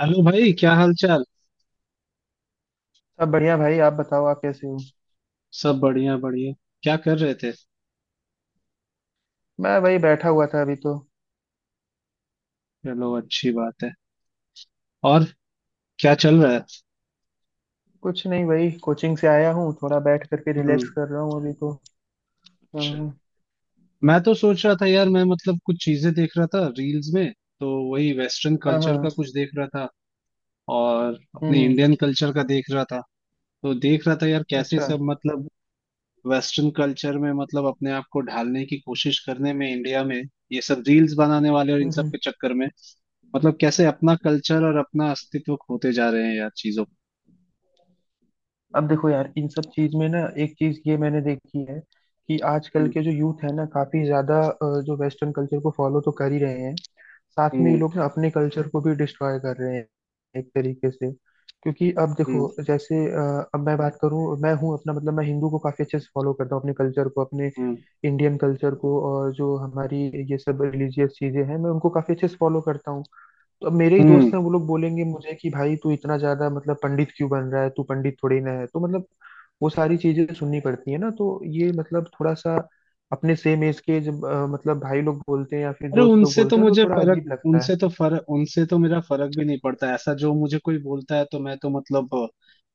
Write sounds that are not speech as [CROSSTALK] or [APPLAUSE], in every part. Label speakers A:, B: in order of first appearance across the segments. A: Hello भाई, क्या हाल चाल।
B: सब बढ़िया भाई, आप बताओ, आप कैसे हो?
A: सब बढ़िया बढ़िया। क्या कर रहे थे?
B: मैं वही बैठा हुआ था अभी तो।
A: चलो, अच्छी बात है। और क्या चल रहा है?
B: कुछ नहीं, वही कोचिंग से आया हूँ, थोड़ा बैठ करके
A: हम्म।
B: रिलैक्स कर रहा हूँ अभी तो।
A: अच्छा।
B: हाँ,
A: मैं तो सोच रहा था यार, मैं मतलब कुछ चीजें देख रहा था रील्स में। तो वही वेस्टर्न
B: हाँ,
A: कल्चर का
B: हाँ।
A: कुछ देख रहा था और
B: हम्म,
A: अपने इंडियन कल्चर का देख रहा था। तो देख रहा था यार कैसे
B: अच्छा।
A: सब मतलब वेस्टर्न कल्चर में मतलब अपने आप को ढालने की कोशिश करने में, इंडिया में ये सब रील्स बनाने वाले और इन
B: हम्म,
A: सब के चक्कर में, मतलब कैसे अपना कल्चर और अपना अस्तित्व खोते जा रहे हैं यार चीजों।
B: अब देखो यार, इन सब चीज में ना एक चीज ये मैंने देखी है कि आजकल
A: हम्म,
B: के जो यूथ है ना काफी ज्यादा जो वेस्टर्न कल्चर को फॉलो तो कर ही रहे हैं। साथ में ये
A: हम्म,
B: लोग ना अपने कल्चर को भी डिस्ट्रॉय कर रहे हैं, एक तरीके से। क्योंकि अब देखो
A: हम्म,
B: जैसे अब मैं बात करूँ, मैं हूँ अपना मतलब मैं हिंदू को काफी अच्छे से फॉलो करता हूँ, अपने कल्चर को, अपने
A: हम्म,
B: इंडियन कल्चर को, और जो हमारी ये सब रिलीजियस चीजें हैं मैं उनको काफी अच्छे से फॉलो करता हूँ। तो अब मेरे ही
A: हम्म।
B: दोस्त हैं, वो लोग बोलेंगे मुझे कि भाई तू इतना ज्यादा मतलब पंडित क्यों बन रहा है, तू पंडित थोड़ी ना है तो मतलब वो सारी चीजें सुननी पड़ती है ना तो। ये मतलब थोड़ा सा अपने सेम एज के जब मतलब भाई लोग बोलते हैं या फिर
A: अरे,
B: दोस्त लोग
A: उनसे तो
B: बोलते हैं तो
A: मुझे
B: थोड़ा अजीब लगता है।
A: फर्क उनसे तो मेरा फर्क भी नहीं पड़ता। ऐसा जो मुझे कोई बोलता है तो मैं तो मतलब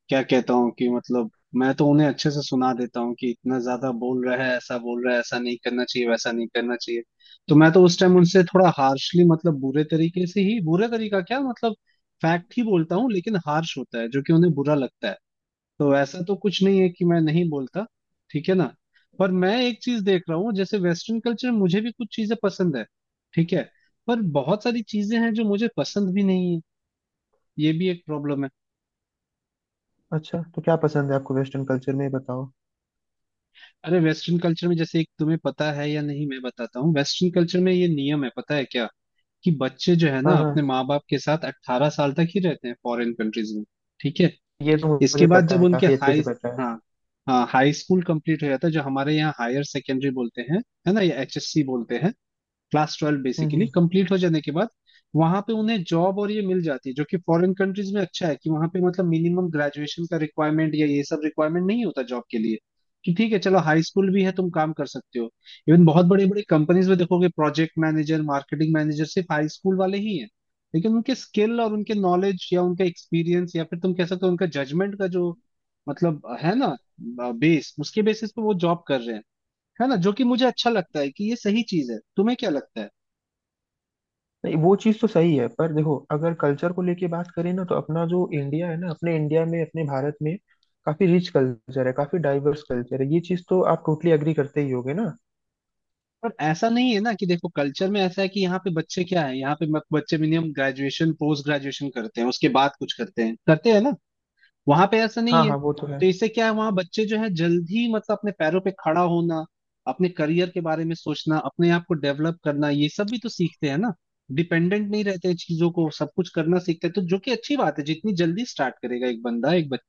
A: क्या कहता हूँ कि मतलब, मैं तो उन्हें अच्छे से सुना देता हूँ कि इतना ज्यादा बोल रहा है, ऐसा बोल रहा है, ऐसा नहीं करना चाहिए, वैसा नहीं करना चाहिए। तो मैं तो उस टाइम उनसे थोड़ा हार्शली, मतलब बुरे तरीके से ही, बुरे तरीका क्या, मतलब फैक्ट ही बोलता हूँ, लेकिन हार्श होता है जो कि उन्हें बुरा लगता है। तो ऐसा तो कुछ नहीं है कि मैं नहीं बोलता, ठीक है ना। पर मैं एक चीज देख रहा हूँ, जैसे वेस्टर्न कल्चर मुझे भी कुछ चीजें पसंद है, ठीक है। पर बहुत सारी चीजें हैं जो मुझे पसंद भी नहीं है, ये भी एक प्रॉब्लम है।
B: अच्छा, तो क्या पसंद है आपको वेस्टर्न कल्चर में, ये बताओ?
A: अरे वेस्टर्न कल्चर में जैसे एक तुम्हें पता है या नहीं, मैं बताता हूँ। वेस्टर्न कल्चर में ये नियम है, पता है क्या, कि बच्चे जो है ना
B: हाँ हाँ,
A: अपने माँ बाप के साथ 18 साल तक ही रहते हैं फॉरेन कंट्रीज में। ठीक है।
B: ये तो मुझे
A: इसके बाद
B: पता
A: जब
B: है,
A: उनके
B: काफी अच्छे से
A: हाई,
B: पता है।
A: हाँ, हाँ हाई स्कूल कंप्लीट हो जाता है, जो हमारे यहाँ हायर सेकेंडरी बोलते हैं, है ना, या एचएससी बोलते हैं। क्लास 12
B: हम्म,
A: बेसिकली कंप्लीट हो जाने के बाद वहां पे उन्हें जॉब और ये मिल जाती है। जो कि फॉरेन कंट्रीज में अच्छा है कि वहां पे मतलब मिनिमम ग्रेजुएशन का रिक्वायरमेंट या ये सब रिक्वायरमेंट नहीं होता जॉब के लिए, कि ठीक है चलो हाई स्कूल भी है, तुम काम कर सकते हो। इवन बहुत बड़े बड़े कंपनीज में देखोगे प्रोजेक्ट मैनेजर, मार्केटिंग मैनेजर सिर्फ हाई स्कूल वाले ही हैं। लेकिन उनके स्किल और उनके नॉलेज या उनका एक्सपीरियंस या फिर तुम कह सकते हो उनका जजमेंट का जो मतलब, है ना, बेस, उसके बेसिस पे वो जॉब कर रहे हैं। है ना, जो कि मुझे अच्छा लगता है कि ये सही चीज है, तुम्हें क्या लगता है?
B: नहीं, वो चीज़ तो सही है पर देखो अगर कल्चर को लेके बात करें ना, तो अपना जो इंडिया है ना, अपने इंडिया में, अपने भारत में काफी रिच कल्चर है, काफी डाइवर्स कल्चर है, ये चीज़ तो आप टोटली एग्री करते ही होगे ना।
A: पर ऐसा नहीं है ना कि देखो कल्चर में ऐसा है कि यहाँ पे बच्चे क्या है, यहाँ पे बच्चे मिनिमम ग्रेजुएशन पोस्ट ग्रेजुएशन करते हैं, उसके बाद कुछ करते हैं, करते हैं ना। वहां पे ऐसा नहीं
B: हाँ
A: है।
B: हाँ, वो तो है।
A: तो इससे क्या है, वहां बच्चे जो है जल्दी मतलब अपने पैरों पे खड़ा होना, अपने करियर के बारे में सोचना, अपने आप को डेवलप करना, ये सब भी तो सीखते हैं ना। डिपेंडेंट नहीं रहते हैं चीजों को, सब कुछ करना सीखते हैं, तो जो कि अच्छी बात है। जितनी जल्दी स्टार्ट करेगा एक बंदा, एक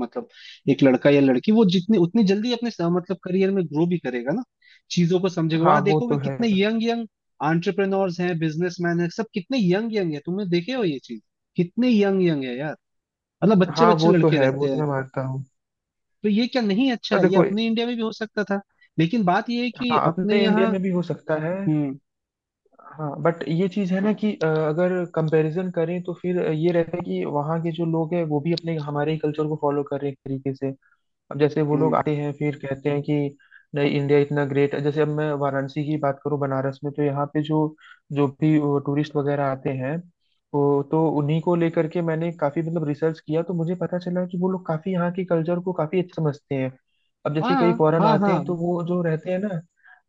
A: मतलब एक लड़का या लड़की, वो जितनी उतनी जल्दी अपने मतलब करियर में ग्रो भी करेगा ना, चीजों को समझेगा।
B: हाँ
A: वहां
B: वो
A: देखोगे
B: तो है।
A: कितने यंग यंग एंटरप्रेन्योर्स हैं, बिजनेसमैन हैं, सब कितने यंग यंग है, तुमने देखे हो ये चीज? कितने यंग यंग है यार, मतलब बच्चे
B: हाँ
A: बच्चे
B: वो तो
A: लड़के
B: है,
A: रहते
B: वो तो
A: हैं।
B: मैं मानता हूँ।
A: तो ये क्या नहीं अच्छा
B: पर
A: है, ये
B: देखो।
A: अपने इंडिया में भी हो सकता था। लेकिन बात ये है कि
B: हाँ,
A: अपने
B: अपने इंडिया
A: यहाँ
B: में भी हो सकता है।
A: हम्म।
B: हाँ बट ये चीज़ है ना कि अगर कंपैरिजन करें तो फिर ये रहता है कि वहाँ के जो लोग हैं वो भी अपने हमारे ही कल्चर को फॉलो कर रहे हैं, एक तरीके से। अब जैसे वो लोग
A: हम्म,
B: आते हैं फिर कहते हैं कि नहीं इंडिया इतना ग्रेट है, जैसे अब मैं वाराणसी की बात करूं, बनारस में तो यहाँ पे जो जो भी टूरिस्ट वगैरह आते हैं वो, तो उन्हीं को लेकर के मैंने काफी मतलब रिसर्च किया, तो मुझे पता चला कि वो लोग काफी यहाँ के कल्चर को काफी अच्छा समझते हैं। अब जैसे कई
A: हाँ,
B: फॉरेन
A: हाँ,
B: आते
A: हाँ,
B: हैं, तो वो जो रहते हैं ना,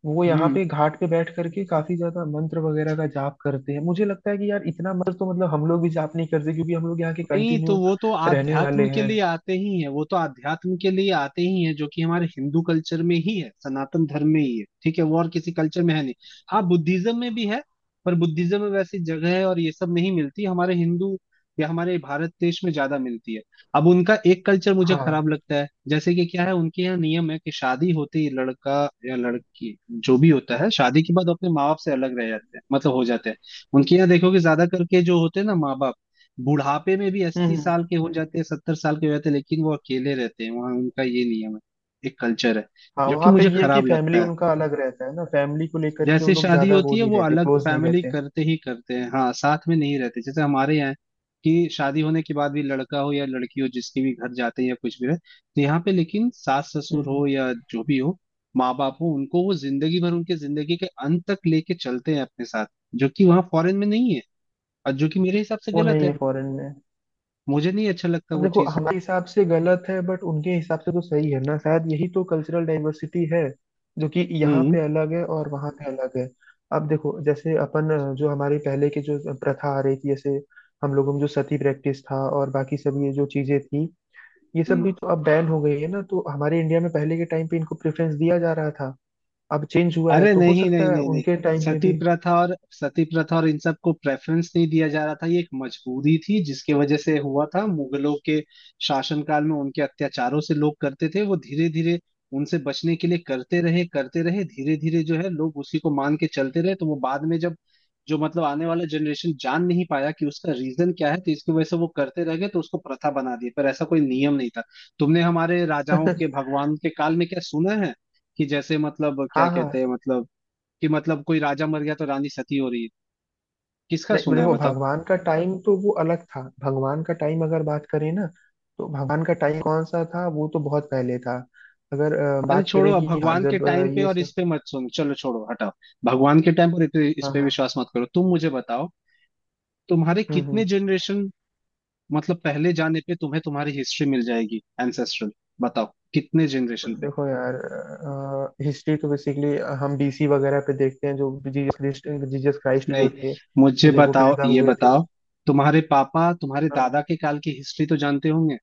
B: वो यहाँ
A: हम्म।
B: पे घाट पे बैठ करके काफी ज्यादा मंत्र वगैरह का जाप करते हैं। मुझे लगता है कि यार इतना मंत्र तो मतलब हम लोग भी जाप नहीं करते, क्योंकि हम लोग यहाँ के
A: नहीं, तो
B: कंटिन्यू
A: वो तो
B: रहने
A: आध्यात्म
B: वाले
A: के
B: हैं।
A: लिए आते ही है, वो तो आध्यात्म के लिए आते ही है, जो कि हमारे हिंदू कल्चर में ही है, सनातन धर्म में ही है, ठीक है। वो और किसी कल्चर में है नहीं। हाँ, बुद्धिज्म में भी है, पर बुद्धिज्म में वैसी जगह है और ये सब नहीं मिलती। हमारे हिंदू या हमारे भारत देश में ज्यादा मिलती है। अब उनका एक कल्चर मुझे
B: हाँ,
A: खराब लगता है, जैसे कि क्या है, उनके यहाँ नियम है कि शादी होते ही लड़का या लड़की, जो भी होता है, शादी के बाद अपने माँ बाप से अलग रह जाते हैं, मतलब हो जाते हैं। उनके यहाँ देखोगे ज्यादा करके जो होते हैं ना माँ बाप, बुढ़ापे में भी, अस्सी
B: हम्म,
A: साल के हो जाते हैं, 70 साल के हो जाते हैं, लेकिन वो अकेले रहते हैं। वहां उनका ये नियम है, एक कल्चर है,
B: हाँ।
A: जो कि
B: वहाँ पे
A: मुझे
B: ये है कि
A: खराब
B: फैमिली
A: लगता है।
B: उनका अलग रहता है ना, फैमिली को लेकर के वो
A: जैसे
B: लोग
A: शादी
B: ज्यादा
A: होती
B: वो
A: है
B: नहीं
A: वो
B: रहते,
A: अलग
B: क्लोज नहीं
A: फैमिली
B: रहते।
A: करते ही करते हैं, हाँ साथ में नहीं रहते, जैसे हमारे यहाँ है कि शादी होने के बाद भी लड़का हो या लड़की हो, जिसके भी घर जाते हैं या कुछ भी रहे, तो यहाँ पे लेकिन सास ससुर
B: हम्म।
A: हो या जो भी हो, माँ बाप हो, उनको वो जिंदगी भर, उनके जिंदगी के अंत तक लेके चलते हैं अपने साथ। जो कि वहाँ फॉरेन में नहीं है, और जो कि मेरे हिसाब से
B: वो
A: गलत
B: नहीं
A: है।
B: है फॉरेन में।
A: मुझे नहीं अच्छा लगता
B: अब
A: वो
B: देखो,
A: चीज।
B: हमारे हिसाब से गलत है बट उनके हिसाब से तो सही है ना, शायद यही तो कल्चरल डाइवर्सिटी है, जो कि यहाँ
A: हम्म,
B: पे अलग है और वहाँ पे अलग है। अब देखो जैसे अपन, जो हमारी पहले की जो प्रथा आ रही थी, जैसे हम लोगों में जो सती प्रैक्टिस था और बाकी सब ये जो चीजें थी, ये सब भी
A: हम्म।
B: तो अब बैन हो गई है ना, तो हमारे इंडिया में पहले के टाइम पे इनको प्रेफरेंस दिया जा रहा था। अब चेंज हुआ है
A: अरे
B: तो हो
A: नहीं, नहीं,
B: सकता है
A: नहीं, नहीं।
B: उनके टाइम पे
A: सती
B: भी।
A: प्रथा और सती प्रथा और इन सब को प्रेफरेंस नहीं दिया जा रहा था। ये एक मजबूरी थी जिसके वजह से हुआ था, मुगलों के शासनकाल में उनके अत्याचारों से लोग करते थे वो धीरे धीरे। उनसे बचने के लिए करते रहे, करते रहे, धीरे धीरे जो है लोग उसी को मान के चलते रहे। तो वो बाद में जब जो मतलब आने वाला जनरेशन जान नहीं पाया कि उसका रीजन क्या है, तो इसकी वजह से वो करते रह गए, तो उसको प्रथा बना दी। पर ऐसा कोई नियम नहीं था। तुमने हमारे राजाओं के,
B: [LAUGHS]
A: भगवान के काल में क्या सुना है कि जैसे मतलब क्या
B: हाँ हाँ।
A: कहते हैं, मतलब कि मतलब कोई राजा मर गया तो रानी सती हो रही है? किसका
B: नहीं
A: सुना है,
B: देखो,
A: बताओ?
B: भगवान का टाइम तो वो अलग था, भगवान का टाइम अगर बात करें ना, तो भगवान का टाइम कौन सा था, वो तो बहुत पहले था। अगर
A: अरे
B: बात
A: छोड़ो,
B: करें
A: अब
B: कि हाँ
A: भगवान के
B: जब
A: टाइम पे
B: ये
A: और इस
B: सब,
A: पे मत सुनो, चलो छोड़ो, हटाओ। भगवान के टाइम पर इस
B: हाँ
A: पे
B: हाँ,
A: विश्वास मत करो। तुम मुझे बताओ, तुम्हारे
B: हम्म,
A: कितने जनरेशन मतलब पहले जाने पे तुम्हें तुम्हारी हिस्ट्री मिल जाएगी, एंसेस्ट्रल। बताओ, कितने जनरेशन पे?
B: देखो यार, हिस्ट्री तो बेसिकली हम बीसी वगैरह पे देखते हैं, जो जीसस क्राइस्ट जो
A: नहीं,
B: थे,
A: मुझे
B: जब वो
A: बताओ,
B: पैदा
A: ये
B: हुए थे।
A: बताओ। तुम्हारे पापा तुम्हारे
B: हाँ
A: दादा के काल की हिस्ट्री तो जानते होंगे।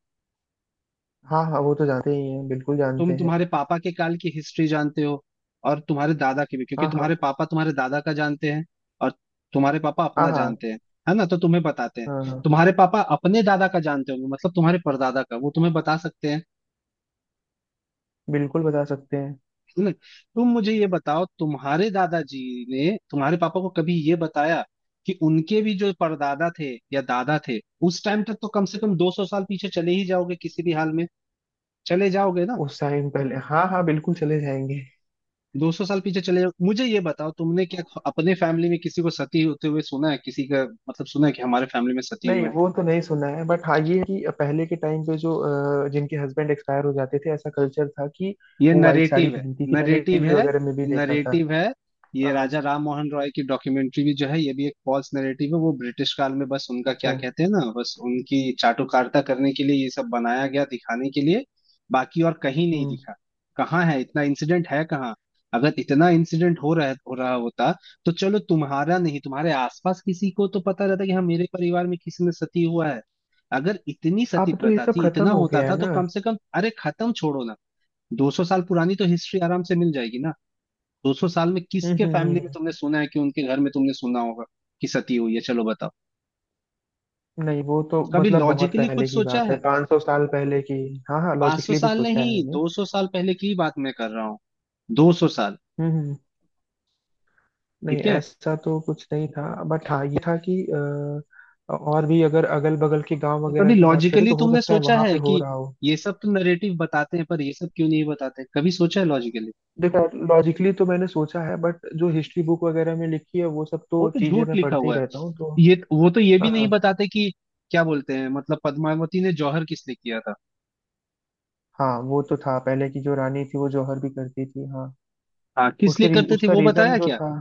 B: हाँ हाँ, वो तो जानते ही हैं, बिल्कुल जानते
A: तुम
B: हैं।
A: तुम्हारे पापा के काल की हिस्ट्री जानते हो, और तुम्हारे दादा की भी, क्योंकि
B: हाँ
A: तुम्हारे
B: हाँ
A: पापा तुम्हारे दादा का जानते हैं। और तुम्हारे पापा
B: हाँ
A: अपना
B: हाँ।
A: जानते हैं, है ना, तो तुम्हें बताते हैं।
B: हाँ हाँ,
A: तुम्हारे पापा अपने दादा का जानते होंगे, मतलब तुम्हारे परदादा का, वो तुम्हें बता सकते हैं,
B: बिल्कुल बता सकते हैं।
A: है ना। तुम मुझे ये बताओ, तुम्हारे दादाजी ने तुम्हारे पापा को कभी ये बताया कि उनके भी जो परदादा थे या दादा थे, उस टाइम तक तो कम से कम 200 साल पीछे चले ही जाओगे किसी भी हाल में, चले जाओगे ना?
B: उस टाइम पहले, हाँ हाँ, बिल्कुल चले जाएंगे।
A: 200 साल पीछे चले जाओ, मुझे ये बताओ, तुमने क्या अपने फैमिली में किसी को सती होते हुए सुना है, किसी का? मतलब सुना है कि हमारे फैमिली में सती हुए
B: नहीं,
A: हैं?
B: वो तो नहीं सुना है बट हाँ ये है कि पहले के टाइम पे जो जिनके हस्बैंड एक्सपायर हो जाते थे, ऐसा कल्चर था कि
A: ये
B: वो वाइट साड़ी
A: नरेटिव है,
B: पहनती थी, मैंने
A: नरेटिव
B: टीवी
A: है,
B: वगैरह में भी देखा था।
A: नरेटिव है। ये
B: हाँ,
A: राजा राम मोहन रॉय की डॉक्यूमेंट्री भी जो है, ये भी एक फॉल्स नरेटिव है। वो ब्रिटिश काल में बस उनका क्या
B: अच्छा,
A: कहते हैं ना, बस उनकी चाटुकारिता करने के लिए ये सब बनाया गया, दिखाने के लिए। बाकी और कहीं नहीं
B: हम्म।
A: दिखा। कहाँ है, इतना इंसिडेंट है कहाँ? अगर इतना इंसिडेंट हो रहा होता तो चलो तुम्हारा नहीं, तुम्हारे आसपास किसी को तो पता रहता कि हाँ मेरे परिवार में किसी ने सती हुआ है। अगर इतनी सती
B: अब तो ये
A: प्रथा
B: सब
A: थी,
B: खत्म
A: इतना
B: हो
A: होता
B: गया है
A: था, तो
B: ना।
A: कम से कम, अरे खत्म छोड़ो ना। 200 साल पुरानी तो हिस्ट्री आराम से मिल जाएगी ना। 200 साल में
B: हम्म,
A: किसके
B: हम्म,
A: फैमिली
B: हम्म,
A: में तुमने सुना है, कि उनके घर में तुमने सुना होगा कि सती हुई है? चलो बताओ।
B: नहीं, वो तो
A: कभी
B: मतलब बहुत
A: लॉजिकली
B: पहले
A: कुछ
B: की
A: सोचा
B: बात है,
A: है?
B: 500 साल पहले की। हाँ हाँ,
A: 500
B: लॉजिकली भी
A: साल
B: सोचा
A: नहीं,
B: है मैंने।
A: 200 साल पहले की बात मैं कर रहा हूँ, 200 साल।
B: हम्म, नहीं,
A: ठीक है।
B: ऐसा तो कुछ नहीं था बट हाँ ये था कि और भी अगर अगल बगल के गांव
A: तो कभी
B: वगैरह की बात करें
A: लॉजिकली
B: तो हो
A: तुमने
B: सकता है
A: सोचा
B: वहां
A: है
B: पे हो
A: कि
B: रहा हो।
A: ये सब तो नरेटिव बताते हैं, पर ये सब क्यों नहीं बताते? कभी सोचा है लॉजिकली?
B: देखो, लॉजिकली तो मैंने सोचा है बट जो हिस्ट्री बुक वगैरह में लिखी है वो सब
A: वो
B: तो
A: तो
B: चीजें
A: झूठ
B: मैं
A: लिखा
B: पढ़ते ही
A: हुआ
B: रहता हूँ तो।
A: है। ये वो तो ये भी
B: हाँ
A: नहीं बताते कि क्या बोलते हैं, मतलब पद्मावती ने जौहर किस लिए किया था?
B: हाँ, वो तो था, पहले की जो रानी थी वो जौहर भी करती थी, हाँ।
A: हाँ किस लिए करते थे,
B: उसका
A: वो
B: रीजन
A: बताया
B: जो
A: क्या?
B: था,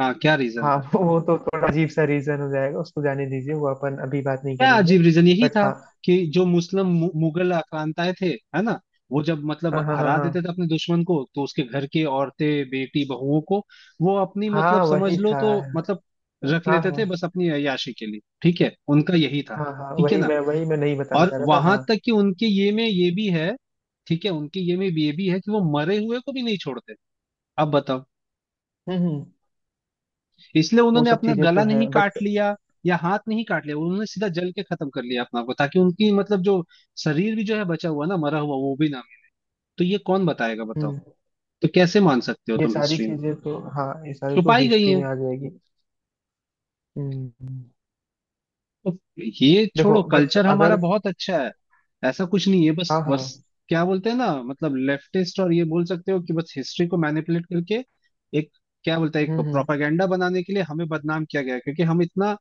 A: हाँ, क्या रीजन
B: हाँ
A: था?
B: [LAUGHS] वो तो थोड़ा अजीब सा रीजन हो जाएगा, उसको जाने दीजिए, वो अपन अभी बात नहीं
A: क्या
B: करेंगे।
A: अजीब रीजन? यही
B: बट
A: था
B: हाँ।
A: कि जो मुस्लिम मुगल आक्रांताएं थे, है ना, वो जब मतलब
B: हाँ हाँ हाँ
A: हरा देते थे
B: हाँ
A: अपने दुश्मन को, तो उसके घर के औरतें, बेटी, बहुओं को वो अपनी मतलब
B: हाँ वही
A: समझ लो
B: था।
A: तो मतलब
B: हाँ
A: रख लेते थे,
B: हाँ
A: बस अपनी अय्याशी के लिए। ठीक है, उनका यही था,
B: हाँ हाँ,
A: ठीक है
B: वही
A: ना।
B: मैं वही मैं नहीं बताना
A: और
B: चाह रहा था,
A: वहां
B: हाँ।
A: तक कि उनके ये में ये भी है, ठीक है, उनके ये में भी ये भी है, कि वो मरे हुए को भी नहीं छोड़ते। अब बताओ,
B: हम्म हम्म,
A: इसलिए
B: वो
A: उन्होंने
B: सब
A: अपना
B: चीजें
A: गला
B: तो है
A: नहीं
B: बट,
A: काट लिया या हाथ नहीं काट लिया, उन्होंने सीधा जल के खत्म कर लिया अपना को, ताकि उनकी मतलब जो शरीर भी जो है बचा हुआ ना, मरा हुआ वो भी ना मिले। तो ये कौन बताएगा, बताओ?
B: हम्म
A: तो कैसे मान सकते हो
B: ये
A: तुम,
B: सारी
A: हिस्ट्री में
B: चीजें तो हाँ, ये सारी तो
A: छुपाई गई
B: हिस्ट्री
A: है।
B: में आ जाएगी। हम्म
A: तो ये
B: देखो
A: छोड़ो,
B: बट
A: कल्चर हमारा
B: अगर,
A: बहुत अच्छा है। ऐसा कुछ नहीं है, बस
B: हाँ
A: बस
B: हाँ,
A: क्या बोलते हैं ना, मतलब लेफ्टिस्ट और ये बोल सकते हो कि बस हिस्ट्री को मैनिपुलेट करके एक, क्या बोलते हैं, एक
B: हम्म।
A: प्रोपागेंडा बनाने के लिए हमें बदनाम किया गया है। क्योंकि हम इतना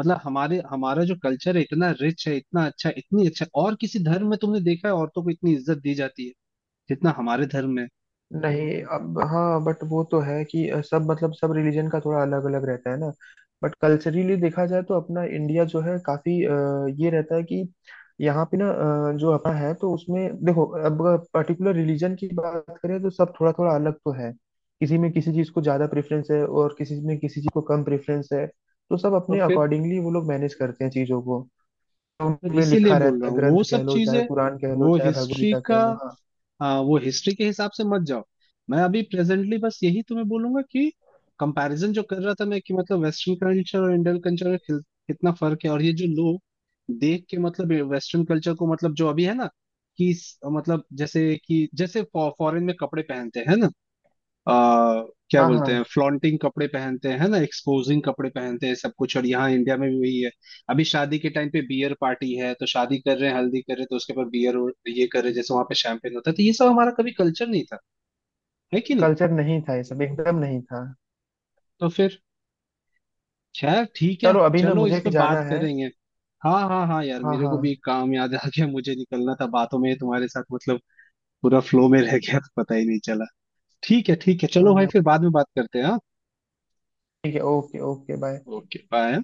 A: मतलब हमारे हमारा जो कल्चर है इतना रिच है, इतना अच्छा है, इतनी अच्छा, और किसी धर्म में तुमने देखा है औरतों को इतनी इज्जत दी जाती है जितना हमारे धर्म में?
B: नहीं अब हाँ बट वो तो है कि सब मतलब सब रिलीजन का थोड़ा अलग अलग रहता है ना। बट कल्चरली देखा जाए तो अपना इंडिया जो है काफी, ये रहता है कि यहाँ पे ना, जो अपना है तो उसमें देखो, अब पर्टिकुलर रिलीजन की बात करें तो सब थोड़ा थोड़ा अलग तो है। किसी में किसी चीज को ज्यादा प्रेफरेंस है और किसी में किसी चीज को कम प्रेफरेंस है, तो सब
A: तो
B: अपने
A: फिर
B: अकॉर्डिंगली वो लोग मैनेज करते हैं चीजों को। तो
A: फिर
B: उनमें
A: इसीलिए
B: लिखा
A: बोल
B: रहता
A: रहा
B: है,
A: हूँ वो
B: ग्रंथ
A: सब
B: कह लो चाहे
A: चीजें,
B: कुरान कह लो
A: वो
B: चाहे भगवद
A: हिस्ट्री
B: गीता
A: का,
B: कह लो, हाँ।
A: हाँ वो हिस्ट्री के हिसाब से मत जाओ। मैं अभी प्रेजेंटली बस यही तुम्हें बोलूंगा कि कंपैरिजन जो कर रहा था मैं, कि मतलब वेस्टर्न कल्चर और इंडियन कल्चर में कितना फर्क है, और ये जो लोग देख के मतलब वेस्टर्न कल्चर को, मतलब जो अभी है ना, कि मतलब जैसे कि, जैसे फॉरेन में कपड़े पहनते हैं ना, आ, क्या
B: हाँ
A: बोलते हैं,
B: हाँ,
A: फ्लॉन्टिंग कपड़े पहनते हैं, है ना, एक्सपोजिंग कपड़े पहनते हैं, सब कुछ। और यहाँ इंडिया में भी वही है। अभी शादी के टाइम पे बियर पार्टी है, तो शादी कर रहे हैं, हल्दी कर रहे हैं, तो उसके ऊपर बियर और ये कर रहे हैं, जैसे वहां पे शैंपेन होता है। तो ये सब हमारा कभी कल्चर नहीं था, है कि नहीं?
B: कल्चर नहीं था, ये सब एकदम नहीं था।
A: तो फिर, खैर ठीक है,
B: चलो अभी ना
A: चलो इस
B: मुझे
A: पे
B: जाना
A: बात
B: है।
A: करेंगे। हाँ, हाँ, हाँ यार,
B: हाँ
A: मेरे
B: हाँ
A: को भी एक काम याद आ गया, मुझे निकलना था। बातों में तुम्हारे साथ मतलब पूरा फ्लो में रह गया तो पता ही नहीं चला। ठीक है, ठीक है, चलो
B: हाँ
A: भाई,
B: हाँ,
A: फिर बाद में बात करते हैं, हाँ।
B: ठीक है, okay okay, bye.
A: Okay bye.